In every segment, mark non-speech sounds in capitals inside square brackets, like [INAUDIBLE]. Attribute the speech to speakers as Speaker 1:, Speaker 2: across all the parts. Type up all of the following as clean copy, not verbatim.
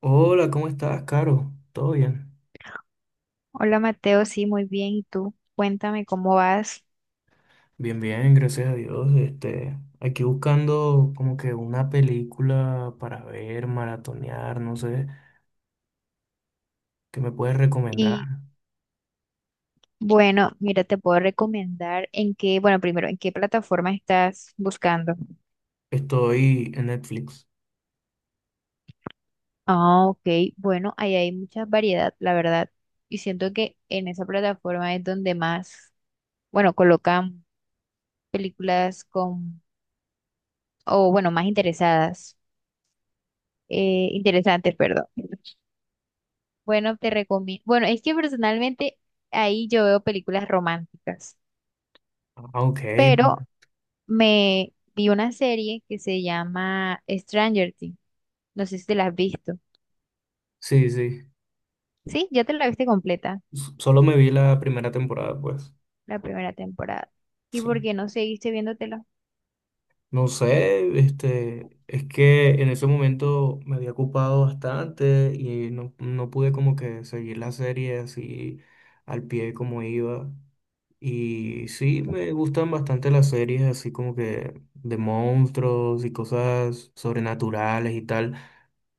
Speaker 1: Hola, ¿cómo estás, Caro? ¿Todo bien?
Speaker 2: Hola Mateo, sí, muy bien. ¿Y tú? Cuéntame cómo vas.
Speaker 1: Bien, bien, gracias a Dios. Aquí buscando como que una película para ver, maratonear, no sé, ¿qué me puedes recomendar?
Speaker 2: Y bueno, mira, te puedo recomendar en qué, bueno, primero, ¿en qué plataforma estás buscando?
Speaker 1: Estoy en Netflix.
Speaker 2: Ah, ok. Bueno, ahí hay mucha variedad, la verdad. Y siento que en esa plataforma es donde más, bueno, colocan películas con, o bueno, más interesadas, interesantes, perdón. Bueno, te recomiendo. Bueno, es que personalmente ahí yo veo películas románticas,
Speaker 1: Ah, ok.
Speaker 2: pero me vi una serie que se llama Stranger Things. No sé si te la has visto.
Speaker 1: Sí, sí.
Speaker 2: Sí, ya te la viste completa,
Speaker 1: Solo me vi la primera temporada, pues.
Speaker 2: la primera temporada. ¿Y
Speaker 1: Sí.
Speaker 2: por qué no seguiste viéndotela?
Speaker 1: No sé, es que en ese momento me había ocupado bastante y no pude como que seguir la serie así al pie como iba. Y sí, me gustan bastante las series así como que de monstruos y cosas sobrenaturales y tal,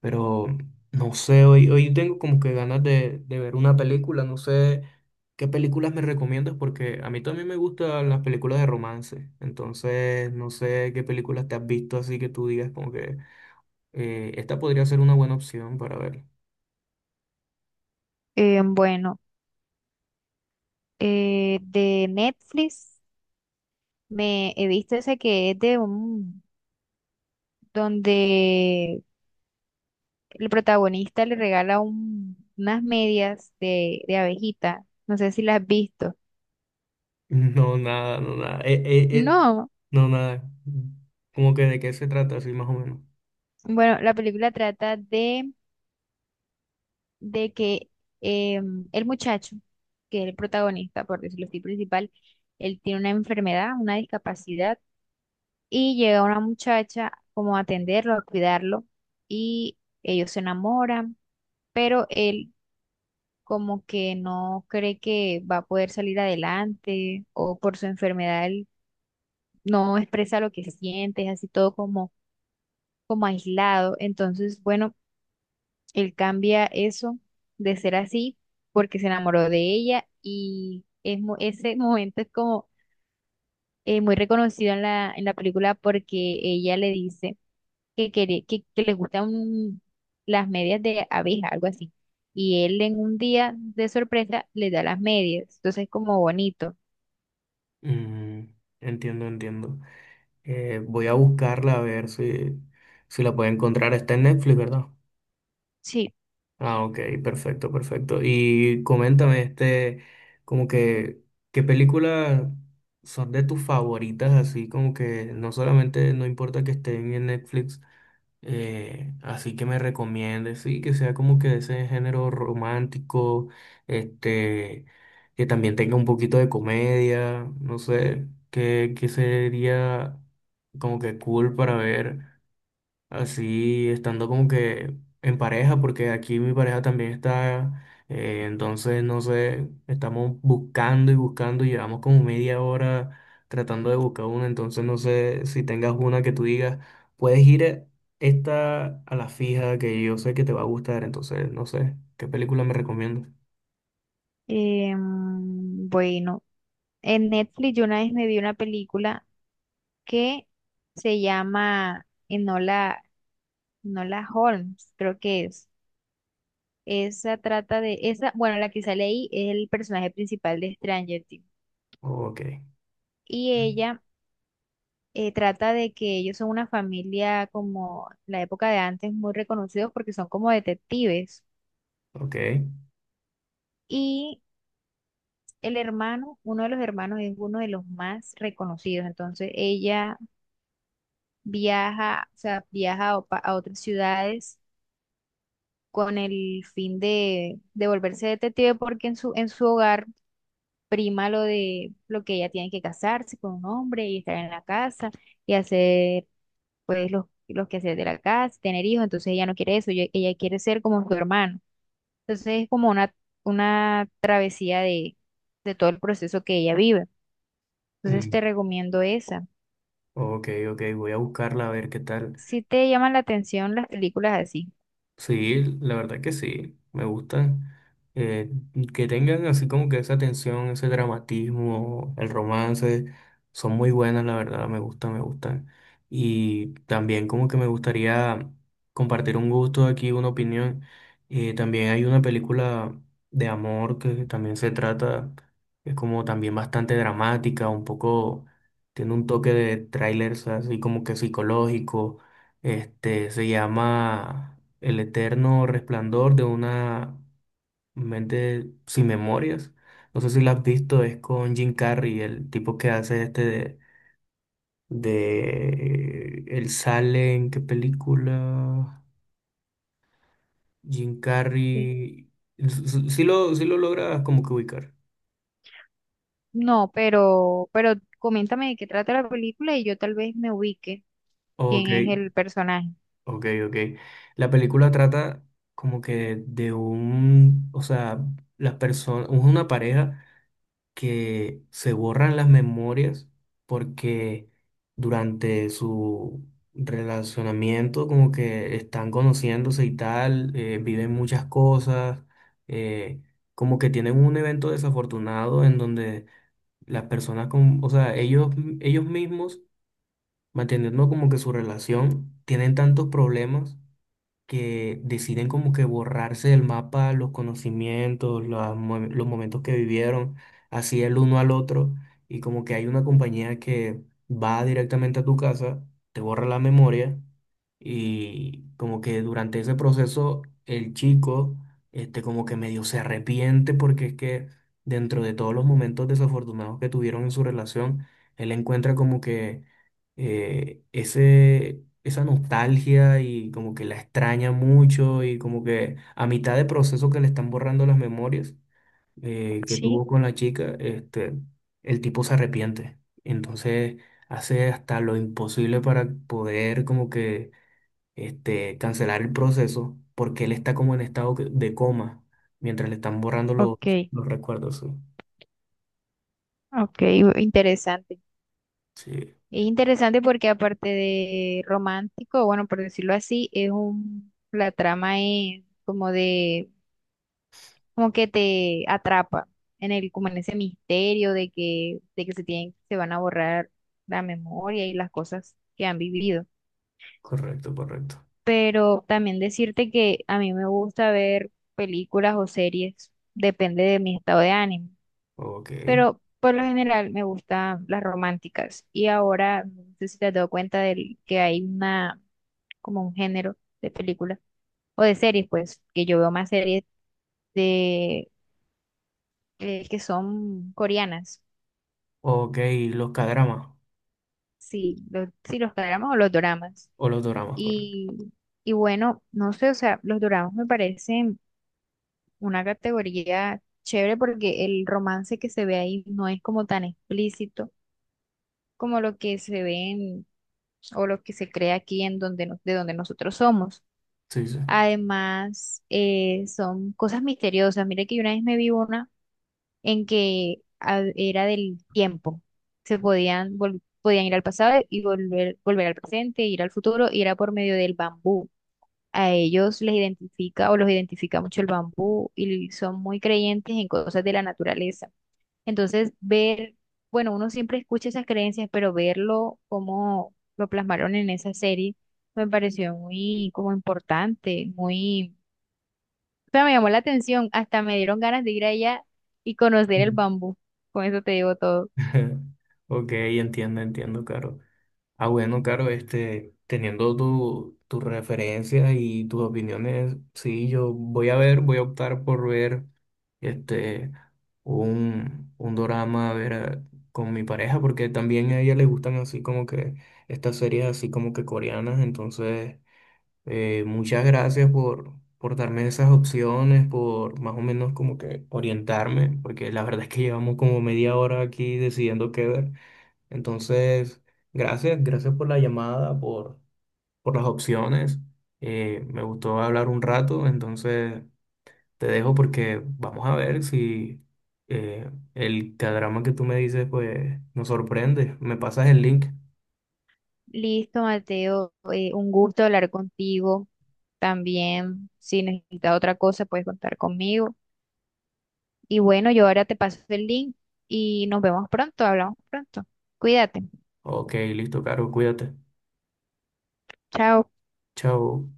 Speaker 1: pero no sé, hoy tengo como que ganas de ver una película, no sé qué películas me recomiendas porque a mí también me gustan las películas de romance, entonces no sé qué películas te has visto así que tú digas como que esta podría ser una buena opción para ver. [LAUGHS]
Speaker 2: Bueno, de Netflix me he visto esa que es de un, donde el protagonista le regala unas medias de abejita. No sé si las has visto.
Speaker 1: No, nada, no, nada,
Speaker 2: No,
Speaker 1: no, nada, como que de qué se trata así más o menos.
Speaker 2: bueno, la película trata de que eh, el muchacho, que es el protagonista, por decirlo así, principal, él tiene una enfermedad, una discapacidad, y llega una muchacha como a atenderlo, a cuidarlo, y ellos se enamoran, pero él como que no cree que va a poder salir adelante, o por su enfermedad él no expresa lo que siente, es así todo como, como aislado. Entonces, bueno. Él cambia eso de ser así porque se enamoró de ella y es, ese [LAUGHS] momento es como muy reconocido en la película porque ella le dice que, quiere, que le gustan las medias de abeja, algo así. Y él en un día de sorpresa le da las medias. Entonces es como bonito.
Speaker 1: Mm, entiendo, entiendo. Voy a buscarla a ver si la puedo encontrar. Está en Netflix, ¿verdad?
Speaker 2: Sí.
Speaker 1: Ah, ok, perfecto, perfecto. Y coméntame, como que, ¿qué películas son de tus favoritas? Así como que no solamente, no importa que estén en Netflix, así que me recomiende, sí, que sea como que de ese género romántico, este, que también tenga un poquito de comedia, no sé, que sería como que cool para ver así estando como que en pareja, porque aquí mi pareja también está, entonces no sé, estamos buscando y buscando, llevamos como media hora tratando de buscar una, entonces no sé si tengas una que tú digas, puedes ir esta a la fija que yo sé que te va a gustar, entonces no sé, ¿qué película me recomiendas?
Speaker 2: Bueno, en Netflix yo una vez me vi una película que se llama Enola. No la Holmes, creo que es. Esa trata de, esa, bueno, la que sale ahí es el personaje principal de Stranger Things.
Speaker 1: Ok,
Speaker 2: Y ella trata de que ellos son una familia como la época de antes, muy reconocidos porque son como detectives.
Speaker 1: ok,
Speaker 2: Y el hermano, uno de los hermanos es uno de los más reconocidos. Entonces ella viaja, o sea, viaja a, a otras ciudades con el fin de volverse detective porque en su hogar prima lo de lo que ella tiene que casarse con un hombre y estar en la casa y hacer pues los quehaceres de la casa, tener hijos, entonces ella no quiere eso, ella quiere ser como su hermano. Entonces es como una travesía de todo el proceso que ella vive. Entonces te
Speaker 1: mm,
Speaker 2: recomiendo esa.
Speaker 1: ok, ok, voy a buscarla a ver qué tal.
Speaker 2: Si te llaman la atención las películas así.
Speaker 1: Sí, la verdad que sí, me gustan. eh, que tengan así como que esa tensión, ese dramatismo, el romance, son muy buenas, la verdad, me gustan, me gustan. Y también como que me gustaría compartir un gusto aquí, una opinión. También hay una película de amor que también se trata, es como también bastante dramática, un poco, tiene un toque de trailers así como que psicológico. Se llama... El eterno resplandor de una mente sin memorias. No sé si la has visto, es con Jim Carrey, el tipo que hace de él sale en qué película. Jim
Speaker 2: Sí.
Speaker 1: Carrey. Si lo, Sí lo logras como que ubicar.
Speaker 2: No, pero coméntame de qué trata la película y yo tal vez me ubique
Speaker 1: Ok,
Speaker 2: quién es el personaje.
Speaker 1: ok, ok. La película trata como que de un, o sea, las personas, una pareja que se borran las memorias porque durante su relacionamiento como que están conociéndose y tal, viven muchas cosas, eh, como que tienen un evento desafortunado en donde las personas, con, o sea, ellos mismos, manteniendo como que su relación, tienen tantos problemas que deciden como que borrarse del mapa los conocimientos, los momentos que vivieron, así el uno al otro, y como que hay una compañía que va directamente a tu casa, te borra la memoria, y como que durante ese proceso el chico, como que medio se arrepiente porque es que dentro de todos los momentos desafortunados que tuvieron en su relación, él encuentra como que esa nostalgia y como que la extraña mucho y como que a mitad de proceso que le están borrando las memorias que
Speaker 2: Sí,
Speaker 1: tuvo con la chica, el tipo se arrepiente. Entonces hace hasta lo imposible para poder como que cancelar el proceso porque él está como en estado de coma mientras le están borrando
Speaker 2: ok,
Speaker 1: los recuerdos. Sí,
Speaker 2: ok, interesante.
Speaker 1: sí,
Speaker 2: Es interesante porque aparte de romántico, bueno, por decirlo así, es un, la trama es como de, como que te atrapa en el, como en ese misterio de que se tienen, se van a borrar la memoria y las cosas que han vivido.
Speaker 1: correcto, correcto.
Speaker 2: Pero también decirte que a mí me gusta ver películas o series, depende de mi estado de ánimo.
Speaker 1: Ok,
Speaker 2: Pero por lo general me gustan las románticas. Y ahora, no sé si te has dado cuenta de que hay una como un género de película o de series, pues, que yo veo más series de que son coreanas,
Speaker 1: ok, los cadramas.
Speaker 2: sí, los dramas o los doramas.
Speaker 1: O los doramas, correcto.
Speaker 2: Y, y bueno, no sé, o sea, los doramas me parecen una categoría chévere porque el romance que se ve ahí no es como tan explícito como lo que se ve o lo que se crea aquí en donde de donde nosotros somos.
Speaker 1: Sí, sí.
Speaker 2: Además, son cosas misteriosas. Mira que yo una vez me vi una en que era del tiempo. Se podían, podían ir al pasado y volver, volver al presente, ir al futuro, y era por medio del bambú. A ellos les identifica o los identifica mucho el bambú y son muy creyentes en cosas de la naturaleza. Entonces, ver, bueno, uno siempre escucha esas creencias, pero verlo como lo plasmaron en esa serie me pareció muy como importante, muy sea, me llamó la atención, hasta me dieron ganas de ir allá y conocer el
Speaker 1: Mm.
Speaker 2: bambú. Con eso te digo todo.
Speaker 1: [LAUGHS] Ok, entiendo, entiendo, Caro. Ah, bueno, Caro, teniendo tus referencias y tus opiniones, sí, yo voy a ver, voy a optar por ver este, un dorama, a ver, con mi pareja, porque también a ella le gustan así como que estas series así como que coreanas, entonces muchas gracias por darme esas opciones, por más o menos como que orientarme, porque la verdad es que llevamos como media hora aquí decidiendo qué ver. Entonces, gracias, gracias por la llamada, por las opciones. Me gustó hablar un rato, entonces te dejo porque vamos a ver si el cadrama que tú me dices pues nos sorprende. Me pasas el link.
Speaker 2: Listo, Mateo, un gusto hablar contigo. También, si necesitas otra cosa, puedes contar conmigo. Y bueno, yo ahora te paso el link y nos vemos pronto, hablamos pronto. Cuídate.
Speaker 1: Ok, listo, Caro, cuídate.
Speaker 2: Chao.
Speaker 1: Chao.